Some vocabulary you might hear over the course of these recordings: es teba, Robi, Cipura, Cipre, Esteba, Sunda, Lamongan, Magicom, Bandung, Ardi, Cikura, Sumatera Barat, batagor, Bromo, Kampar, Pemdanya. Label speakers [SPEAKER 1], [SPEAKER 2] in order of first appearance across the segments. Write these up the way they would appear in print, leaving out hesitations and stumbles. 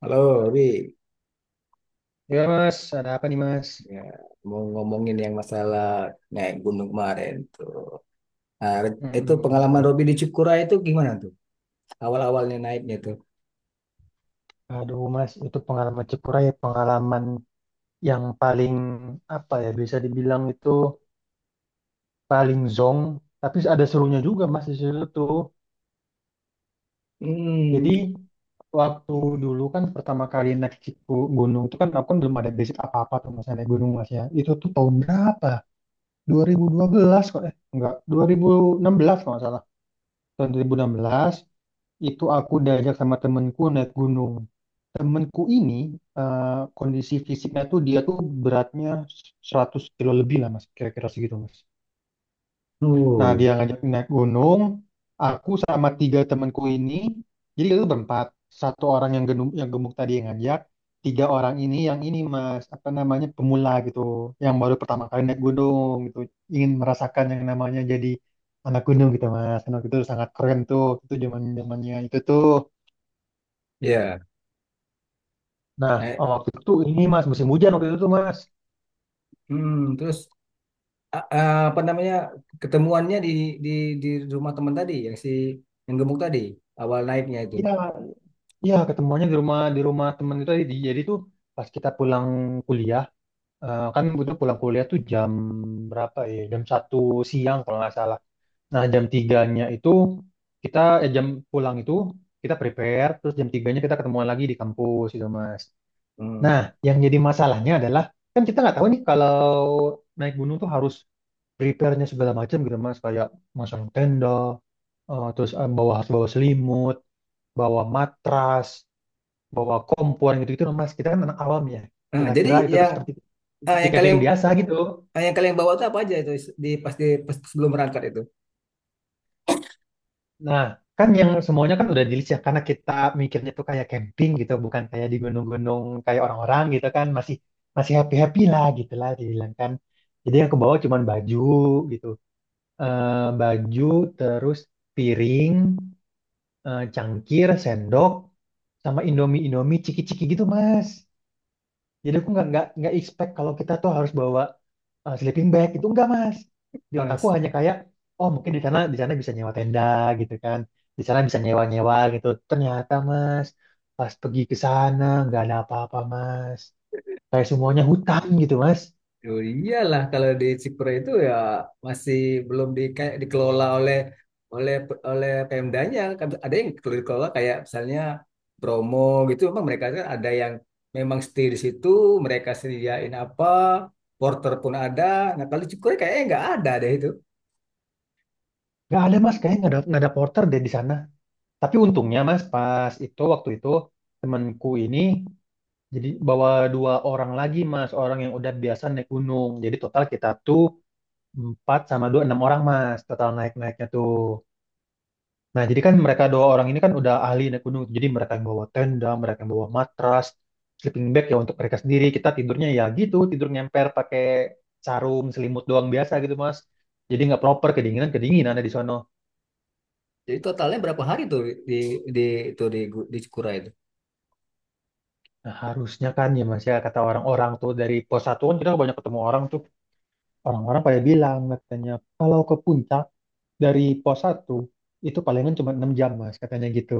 [SPEAKER 1] Halo, Wi.
[SPEAKER 2] Ya mas, ada apa nih mas?
[SPEAKER 1] Ya, mau ngomongin yang masalah naik gunung kemarin tuh. Nah, itu
[SPEAKER 2] Mm-mm, gitu.
[SPEAKER 1] pengalaman
[SPEAKER 2] Dong.
[SPEAKER 1] Robi di Cikura itu gimana tuh? Awal-awalnya naiknya tuh.
[SPEAKER 2] Aduh mas, itu pengalaman Cipura ya pengalaman yang paling apa ya bisa dibilang itu paling zong, tapi ada serunya juga mas di situ tuh. Jadi
[SPEAKER 1] Hmm,
[SPEAKER 2] waktu dulu kan pertama kali naik Cipu gunung itu kan aku kan belum ada basic apa-apa tuh mas naik gunung mas ya. Itu tuh tahun berapa? 2012 kok eh enggak 2016 kalau nggak salah. Tahun 2016 itu aku diajak sama temenku naik gunung. Temenku ini eh, kondisi fisiknya tuh dia tuh beratnya 100 kilo lebih lah mas, kira-kira segitu mas. Nah,
[SPEAKER 1] uh,
[SPEAKER 2] dia ngajak naik gunung. Aku sama tiga temanku ini, jadi itu berempat. Satu orang yang gemuk tadi yang ngajak, tiga orang ini yang ini mas, apa namanya pemula gitu, yang baru pertama kali naik gunung gitu, ingin merasakan yang namanya jadi anak gunung gitu mas. Karena waktu itu sangat keren tuh, itu zaman zamannya itu tuh.
[SPEAKER 1] ya.
[SPEAKER 2] Nah, oh,
[SPEAKER 1] Naik.
[SPEAKER 2] waktu itu ini mas musim hujan waktu itu tuh mas.
[SPEAKER 1] Hmm, terus apa namanya ketemuannya di di rumah teman tadi yang si yang gemuk tadi awal naiknya itu.
[SPEAKER 2] Iya, iya ketemuannya di rumah teman itu tadi. Jadi tuh pas kita pulang kuliah kan butuh pulang kuliah tuh jam berapa ya? Jam 1 siang kalau nggak salah. Nah, jam 3 itu kita jam pulang itu kita prepare, terus jam 3 kita ketemuan lagi di kampus gitu, Mas. Nah,
[SPEAKER 1] Hmm.
[SPEAKER 2] yang jadi masalahnya adalah kan kita nggak tahu nih kalau naik gunung tuh harus prepare-nya segala macam gitu, Mas, kayak masang tenda, bawa harus bawa selimut, bawa matras, bawa kompor gitu-gitu, Mas. Kita kan anak awam ya.
[SPEAKER 1] Nah,
[SPEAKER 2] Kita
[SPEAKER 1] jadi
[SPEAKER 2] kira itu tuh
[SPEAKER 1] yang
[SPEAKER 2] seperti
[SPEAKER 1] ah,
[SPEAKER 2] seperti
[SPEAKER 1] yang kalian
[SPEAKER 2] camping biasa gitu.
[SPEAKER 1] ah, yang kalian bawa tuh apa aja itu di pas sebelum berangkat itu?
[SPEAKER 2] Nah, kan yang semuanya kan udah di list ya, karena kita mikirnya tuh kayak camping gitu, bukan kayak di gunung-gunung kayak orang-orang gitu kan, masih masih happy-happy lah gitu lah dibilang kan. Jadi yang ke bawah cuman baju gitu. Eh, baju, terus piring, cangkir, sendok, sama Indomie-Indomie ciki-ciki gitu, Mas. Jadi aku nggak expect kalau kita tuh harus bawa sleeping bag itu enggak mas. Di
[SPEAKER 1] Ah,
[SPEAKER 2] otakku hanya kayak oh mungkin di sana bisa nyewa tenda gitu kan, di sana bisa nyewa nyewa gitu. Ternyata mas pas pergi ke sana nggak ada apa-apa mas. Kayak semuanya hutan gitu mas.
[SPEAKER 1] oh iyalah kalau di Cipre itu ya masih belum di, kayak dikelola oleh oleh oleh Pemdanya. Kan ada yang perlu dikelola kayak misalnya Bromo gitu. Memang mereka kan ada yang memang stay di situ, mereka sediain apa, porter pun ada. Nah kalau di Cikura kayaknya nggak ada deh itu.
[SPEAKER 2] Nggak ada mas kayaknya nggak ada porter deh di sana. Tapi untungnya mas pas itu waktu itu temanku ini jadi bawa dua orang lagi mas orang yang udah biasa naik gunung. Jadi total kita tuh empat sama dua, enam orang mas, total naik-naiknya tuh. Nah, jadi kan mereka dua orang ini kan udah ahli naik gunung. Jadi mereka yang bawa tenda, mereka yang bawa matras, sleeping bag ya untuk mereka sendiri. Kita tidurnya ya gitu, tidur nyemper pakai sarung, selimut doang biasa gitu mas. Jadi nggak proper, kedinginan-kedinginan ada di sono.
[SPEAKER 1] Jadi totalnya berapa hari tuh di di itu di Cikura itu?
[SPEAKER 2] Nah, harusnya kan ya mas ya, kata orang-orang tuh dari pos satu kan kita banyak ketemu orang tuh. Orang-orang pada bilang katanya, kalau ke puncak dari pos satu itu palingan cuma 6 jam mas katanya gitu.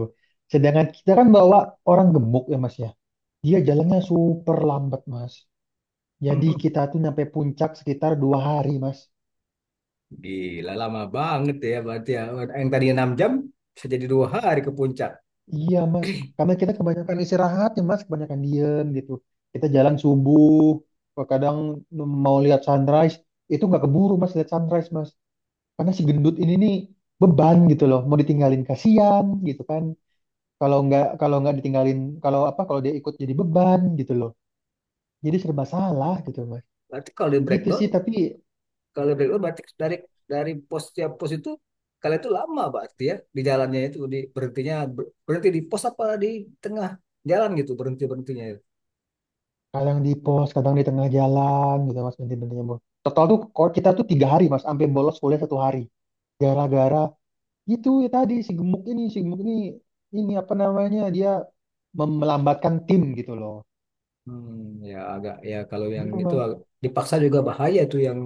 [SPEAKER 2] Sedangkan kita kan bawa orang gemuk ya mas ya. Dia jalannya super lambat mas. Jadi kita tuh nyampe puncak sekitar 2 hari mas.
[SPEAKER 1] Gila lama banget ya berarti ya. Yang tadinya 6 jam bisa jadi dua hari ke puncak.
[SPEAKER 2] Iya mas. Karena kita kebanyakan istirahat ya mas, kebanyakan diem gitu. Kita jalan subuh, kadang mau lihat sunrise, itu nggak keburu mas lihat sunrise mas. Karena si gendut ini nih beban gitu loh, mau ditinggalin kasihan gitu kan. Kalau nggak ditinggalin kalau apa kalau dia ikut jadi beban gitu loh jadi serba salah gitu mas
[SPEAKER 1] Berarti kalau di
[SPEAKER 2] gitu
[SPEAKER 1] breakdown
[SPEAKER 2] sih tapi
[SPEAKER 1] kalau dari oh, berarti dari pos tiap pos itu kalian itu lama berarti ya di jalannya itu di berhentinya berhenti di pos apa di tengah jalan gitu berhenti berhentinya. Ya?
[SPEAKER 2] kadang di pos kadang di tengah jalan gitu mas berhenti-berhentinya bu total tuh kalau kita tuh 3 hari mas sampai bolos kuliah 1 hari gara-gara itu ya tadi si gemuk ini ini apa namanya dia melambatkan tim gitu loh
[SPEAKER 1] Hmm, ya agak ya kalau yang
[SPEAKER 2] gitu
[SPEAKER 1] itu
[SPEAKER 2] mas
[SPEAKER 1] agak, dipaksa juga bahaya tuh yang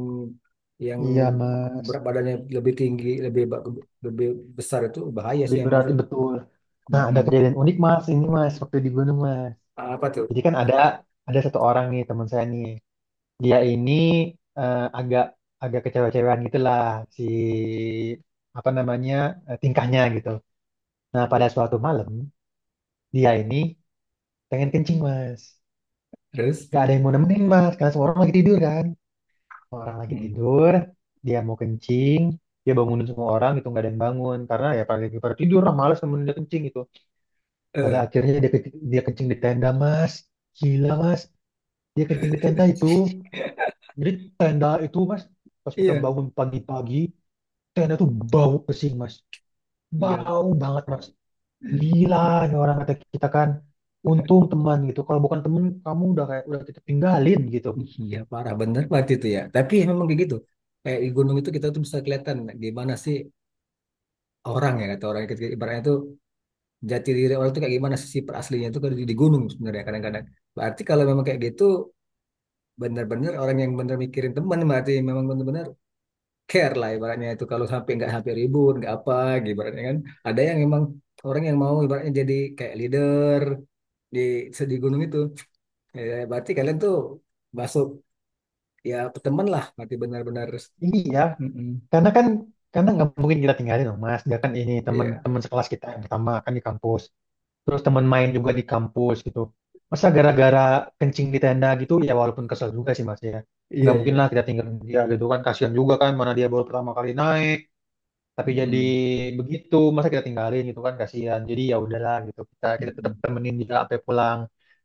[SPEAKER 1] yang
[SPEAKER 2] iya mas
[SPEAKER 1] berat badannya lebih tinggi lebih besar itu bahaya sih
[SPEAKER 2] lebih
[SPEAKER 1] emang
[SPEAKER 2] berat
[SPEAKER 1] sih.
[SPEAKER 2] betul. Nah ada
[SPEAKER 1] Mm-mm.
[SPEAKER 2] kejadian unik mas ini mas waktu di gunung mas.
[SPEAKER 1] Apa tuh?
[SPEAKER 2] Jadi kan ada satu orang nih teman saya nih dia ini agak agak kecewa-cewaan gitulah si apa namanya tingkahnya gitu. Nah pada suatu malam dia ini pengen kencing mas,
[SPEAKER 1] Terus?
[SPEAKER 2] gak ada yang mau nemenin mas karena semua orang lagi tidur kan, semua orang lagi
[SPEAKER 1] Mm.
[SPEAKER 2] tidur, dia mau kencing, dia bangunin semua orang itu nggak ada yang bangun karena ya pada lagi pada tidur lah malas nemenin dia kencing gitu. Pada
[SPEAKER 1] Eh,
[SPEAKER 2] akhirnya dia dia kencing di tenda mas, gila mas, dia kencing di tenda itu, jadi tenda itu mas pas kita
[SPEAKER 1] iya.
[SPEAKER 2] bangun pagi-pagi tenda tuh bau pesing mas
[SPEAKER 1] Iya.
[SPEAKER 2] bau banget mas gila ini orang kata kita kan untung teman gitu kalau bukan teman, kamu udah kayak udah kita tinggalin gitu
[SPEAKER 1] Iya parah bener banget itu ya. Tapi ya memang kayak gitu. Kayak di gunung itu kita tuh bisa kelihatan gimana sih orang ya kata orang kita ibaratnya tuh jati diri orang tuh kayak gimana sih sifat aslinya tuh kalau di gunung sebenarnya kadang-kadang. Berarti kalau memang kayak gitu bener-bener orang yang bener mikirin teman berarti memang bener-bener care lah ibaratnya itu kalau sampai nggak sampai ribut nggak apa gitu ibaratnya kan. Ada yang memang orang yang mau ibaratnya jadi kayak leader di di gunung itu. Ya, berarti kalian tuh masuk ya teman lah berarti benar-benar
[SPEAKER 2] iya
[SPEAKER 1] mm-mm.
[SPEAKER 2] karena kan karena nggak mungkin kita tinggalin dong mas dia kan ini
[SPEAKER 1] Iya,
[SPEAKER 2] teman-teman sekelas kita yang pertama kan di kampus terus teman main juga di kampus gitu masa gara-gara kencing di tenda gitu ya walaupun kesel juga sih mas ya nggak
[SPEAKER 1] iya, iya.
[SPEAKER 2] mungkin lah kita tinggalin dia gitu kan kasihan juga kan mana dia baru pertama kali naik tapi jadi
[SPEAKER 1] Mm-mm.
[SPEAKER 2] begitu masa kita tinggalin gitu kan kasihan jadi ya udahlah gitu kita kita tetap
[SPEAKER 1] Mm-mm.
[SPEAKER 2] temenin dia sampai pulang.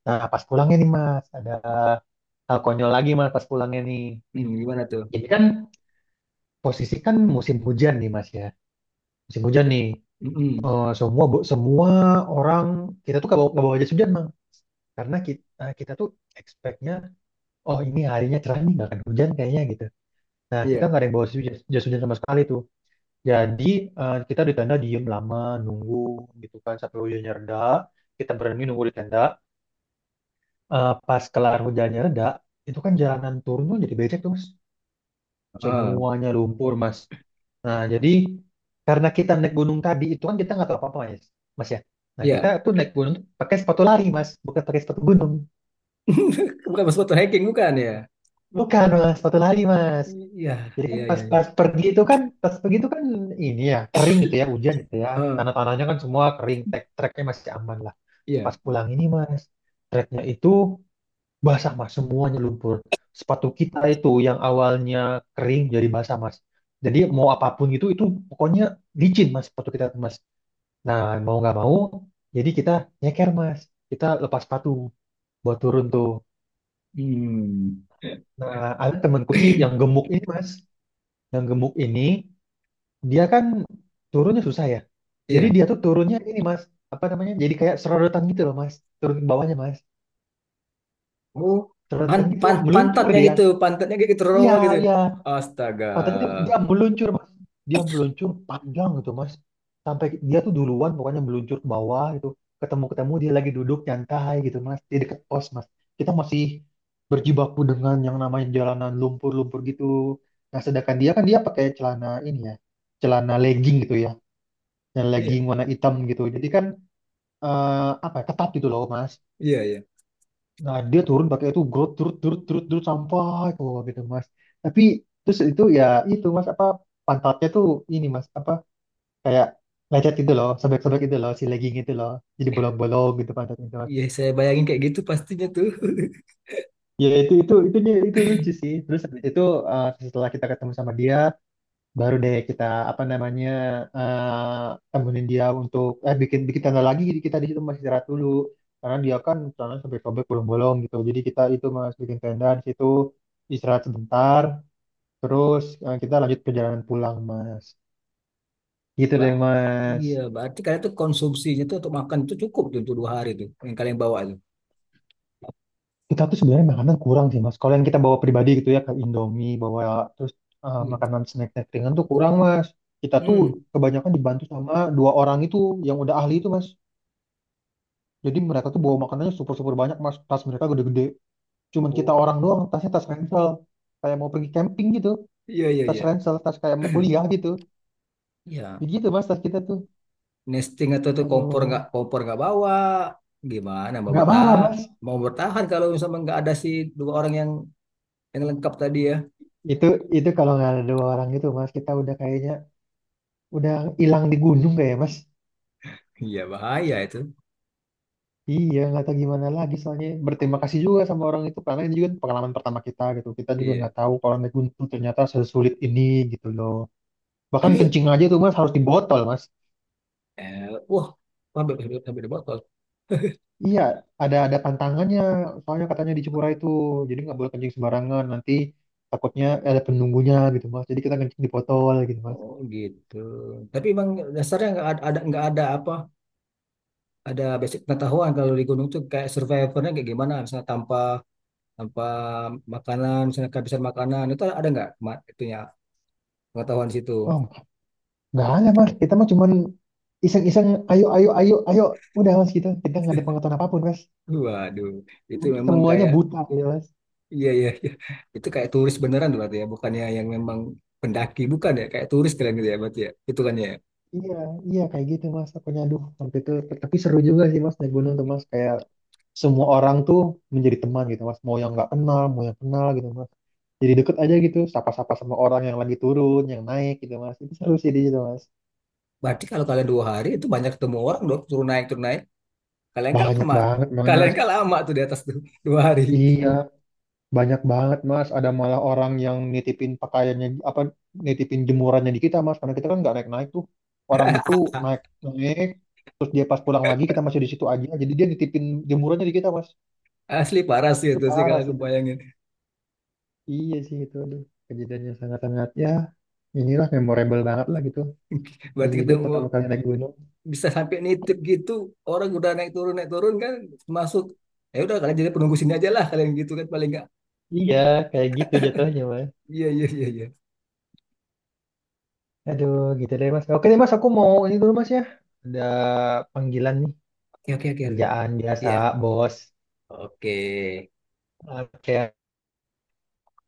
[SPEAKER 2] Nah pas pulangnya nih mas ada hal konyol lagi mas pas pulangnya nih
[SPEAKER 1] Mm, gimana tuh?
[SPEAKER 2] jadi kan posisi kan musim hujan nih mas ya musim hujan nih.
[SPEAKER 1] Mm-mm.
[SPEAKER 2] Semua orang kita tuh nggak bawa jas hujan mang karena kita kita tuh expectnya oh ini harinya cerah nih nggak akan hujan kayaknya gitu nah kita
[SPEAKER 1] Iya.
[SPEAKER 2] nggak ada yang bawa jas, jas hujan sama sekali tuh. Jadi kita di tenda diem lama nunggu gitu kan sampai hujannya reda. Kita berani nunggu di tenda. Eh, pas kelar hujannya reda, itu kan jalanan turun tuh jadi becek tuh mas.
[SPEAKER 1] Ah,
[SPEAKER 2] Semuanya lumpur mas. Nah jadi karena kita naik gunung tadi itu kan kita nggak tahu apa-apa mas. Mas ya. Nah kita
[SPEAKER 1] iya.
[SPEAKER 2] tuh naik gunung tuh pakai sepatu lari mas, bukan pakai sepatu gunung.
[SPEAKER 1] Bukan masuk foto hacking, bukan ya?
[SPEAKER 2] Bukan mas, sepatu lari mas.
[SPEAKER 1] Iya,
[SPEAKER 2] Jadi kan
[SPEAKER 1] iya,
[SPEAKER 2] pas
[SPEAKER 1] iya.
[SPEAKER 2] pas pergi itu kan pas pergi itu kan ini ya kering gitu ya hujan gitu ya
[SPEAKER 1] Ah,
[SPEAKER 2] tanah-tanahnya kan semua kering trek treknya masih aman.
[SPEAKER 1] iya.
[SPEAKER 2] Pas pulang ini mas, treknya itu basah mas, semuanya lumpur. Sepatu kita itu yang awalnya kering jadi basah mas. Jadi mau apapun gitu, itu pokoknya licin mas sepatu kita mas. Nah mau nggak mau, jadi kita nyeker mas. Kita lepas sepatu buat turun tuh.
[SPEAKER 1] Hmm.
[SPEAKER 2] Nah ada temanku ini yang gemuk ini mas, yang gemuk ini dia kan turunnya susah ya. Jadi
[SPEAKER 1] Iya.
[SPEAKER 2] dia tuh turunnya ini mas, apa namanya? Jadi kayak sorotan gitu loh mas, turun ke bawahnya mas
[SPEAKER 1] Oh, pan,
[SPEAKER 2] sorotan gitu
[SPEAKER 1] pan,
[SPEAKER 2] meluntur
[SPEAKER 1] pantatnya
[SPEAKER 2] dia.
[SPEAKER 1] gitu, pantatnya kayak gitu, raw gitu.
[SPEAKER 2] Iya, iya.
[SPEAKER 1] Astaga.
[SPEAKER 2] Patentnya dia dia meluncur, Mas. Dia meluncur panjang gitu, Mas. Sampai dia tuh duluan pokoknya meluncur ke bawah gitu. Ketemu-ketemu dia lagi duduk nyantai gitu, Mas. Di dekat pos, Mas. Kita masih berjibaku dengan yang namanya jalanan lumpur-lumpur gitu. Nah, sedangkan dia kan dia pakai celana ini ya. Celana legging gitu ya. Dan
[SPEAKER 1] Iya,
[SPEAKER 2] legging warna hitam gitu. Jadi kan apa ya, ketat gitu loh, Mas.
[SPEAKER 1] iya, iya.
[SPEAKER 2] Nah, dia turun pakai itu grut turut turut turut turut sampai keluar gitu mas. Tapi terus itu ya itu mas apa pantatnya tuh ini mas apa kayak lecet gitu loh, sobek-sobek gitu loh, si legging itu loh, jadi
[SPEAKER 1] Ya,
[SPEAKER 2] bolong-bolong gitu pantatnya itu mas.
[SPEAKER 1] iya, saya bayangin kayak gitu pastinya tuh.
[SPEAKER 2] Ya itu dia itu lucu sih. Terus habis itu setelah kita ketemu sama dia, baru deh kita apa namanya eh temenin dia untuk bikin bikin tanda lagi jadi kita di situ masih istirahat dulu karena dia kan tangan sampai sobek bolong-bolong gitu jadi kita itu mas bikin tenda di situ istirahat sebentar terus kita lanjut perjalanan pulang mas gitu
[SPEAKER 1] Pak,
[SPEAKER 2] deh mas.
[SPEAKER 1] iya, berarti kalian tuh konsumsinya tuh untuk makan tuh cukup tuh untuk dua hari tuh yang kalian bawa tuh.
[SPEAKER 2] Kita tuh sebenarnya makanan kurang sih mas kalau yang kita bawa pribadi gitu ya ke Indomie bawa terus
[SPEAKER 1] Iya.
[SPEAKER 2] makanan snack-snack ringan tuh kurang mas kita tuh
[SPEAKER 1] Hmm.
[SPEAKER 2] kebanyakan dibantu sama dua orang itu yang udah ahli itu mas. Jadi mereka tuh bawa makanannya super-super banyak, mas. Tas mereka gede-gede. Cuman kita
[SPEAKER 1] Oh,
[SPEAKER 2] orang doang, tasnya tas ransel. Kayak mau pergi camping gitu.
[SPEAKER 1] iya iya
[SPEAKER 2] Tas
[SPEAKER 1] iya.
[SPEAKER 2] ransel, tas kayak mau kuliah gitu.
[SPEAKER 1] Ya,
[SPEAKER 2] Begitu, mas, tas kita tuh.
[SPEAKER 1] nesting atau tuh
[SPEAKER 2] Aduh,
[SPEAKER 1] kompor nggak bawa, gimana mau
[SPEAKER 2] nggak bawa,
[SPEAKER 1] bertahan?
[SPEAKER 2] mas.
[SPEAKER 1] Mau bertahan kalau misalnya nggak ada si dua orang yang lengkap tadi ya.
[SPEAKER 2] Itu itu kalau nggak ada dua orang gitu, mas. Kita udah kayaknya udah hilang di gunung kayak, ya, mas.
[SPEAKER 1] Iya bahaya itu.
[SPEAKER 2] Iya, nggak tahu gimana lagi soalnya. Berterima kasih juga sama orang itu karena ini juga pengalaman pertama kita gitu. Kita juga
[SPEAKER 1] Iya.
[SPEAKER 2] nggak tahu kalau naik gunung tuh ternyata sesulit ini gitu loh. Bahkan
[SPEAKER 1] Tapi
[SPEAKER 2] kencing aja tuh, mas, harus di botol, mas.
[SPEAKER 1] eh, wah, sampai sampai sampai di botol.
[SPEAKER 2] Iya, ada pantangannya. Soalnya katanya di Cipura itu, jadi nggak boleh kencing sembarangan. Nanti takutnya ada penunggunya gitu mas. Jadi kita kencing di botol gitu mas.
[SPEAKER 1] Oh gitu. Tapi emang dasarnya nggak ada apa? Ada basic pengetahuan kalau di gunung tuh kayak survivornya kayak gimana? Misalnya tanpa tanpa makanan, misalnya kehabisan makanan itu ada nggak itunya pengetahuan di situ?
[SPEAKER 2] Oh, nggak ada mas. Kita mah cuman iseng-iseng. Ayo, ayo, ayo, ayo. Udah mas kita kita nggak ada pengetahuan apapun mas.
[SPEAKER 1] Waduh, itu memang
[SPEAKER 2] Semuanya
[SPEAKER 1] kayak
[SPEAKER 2] buta gitu mas.
[SPEAKER 1] iya iya iya. Itu kayak turis beneran tuh berarti ya, bukannya yang memang pendaki bukan ya, kayak turis kalian gitu ya berarti ya. Itu kan ya.
[SPEAKER 2] Iya, iya kayak gitu mas. Takutnya aduh sampai itu. Tapi seru juga sih mas naik gunung tuh mas. Kayak semua orang tuh menjadi teman gitu mas. Mau yang nggak kenal, mau yang kenal gitu mas. Jadi deket aja gitu sapa-sapa sama orang yang lagi turun yang naik gitu mas itu seru sih di situ mas
[SPEAKER 1] Berarti kalau kalian dua hari itu banyak ketemu orang dong, turun naik turun naik. Kalian kan
[SPEAKER 2] banyak
[SPEAKER 1] lama,
[SPEAKER 2] banget
[SPEAKER 1] kalian
[SPEAKER 2] mas
[SPEAKER 1] kan lama tuh di atas tuh dua hari.
[SPEAKER 2] iya banyak banget mas ada malah orang yang nitipin pakaiannya apa nitipin jemurannya di kita mas karena kita kan nggak naik-naik tuh orang itu naik naik terus dia pas pulang lagi kita masih di situ aja jadi dia nitipin jemurannya di kita mas
[SPEAKER 1] Asli parah sih
[SPEAKER 2] itu
[SPEAKER 1] itu sih
[SPEAKER 2] parah
[SPEAKER 1] kalau aku
[SPEAKER 2] sih Mas.
[SPEAKER 1] bayangin.
[SPEAKER 2] Iya sih itu aduh kejadiannya sangat-sangat ya inilah memorable banget lah gitu di
[SPEAKER 1] Berarti
[SPEAKER 2] hidup pertama
[SPEAKER 1] ketemu
[SPEAKER 2] kali naik gunung
[SPEAKER 1] bisa sampai nitip gitu, orang udah naik turun kan masuk. Ya udah kalian jadi penunggu sini aja lah kalian gitu kan paling nggak.
[SPEAKER 2] iya kayak gitu jatuhnya mas.
[SPEAKER 1] Iya iya iya iya.
[SPEAKER 2] Aduh, gitu deh mas. Oke deh mas, aku mau ini dulu mas ya. Ada panggilan nih,
[SPEAKER 1] Oke oke oke. Ardi.
[SPEAKER 2] kerjaan biasa,
[SPEAKER 1] Iya.
[SPEAKER 2] bos.
[SPEAKER 1] Oke.
[SPEAKER 2] Oke,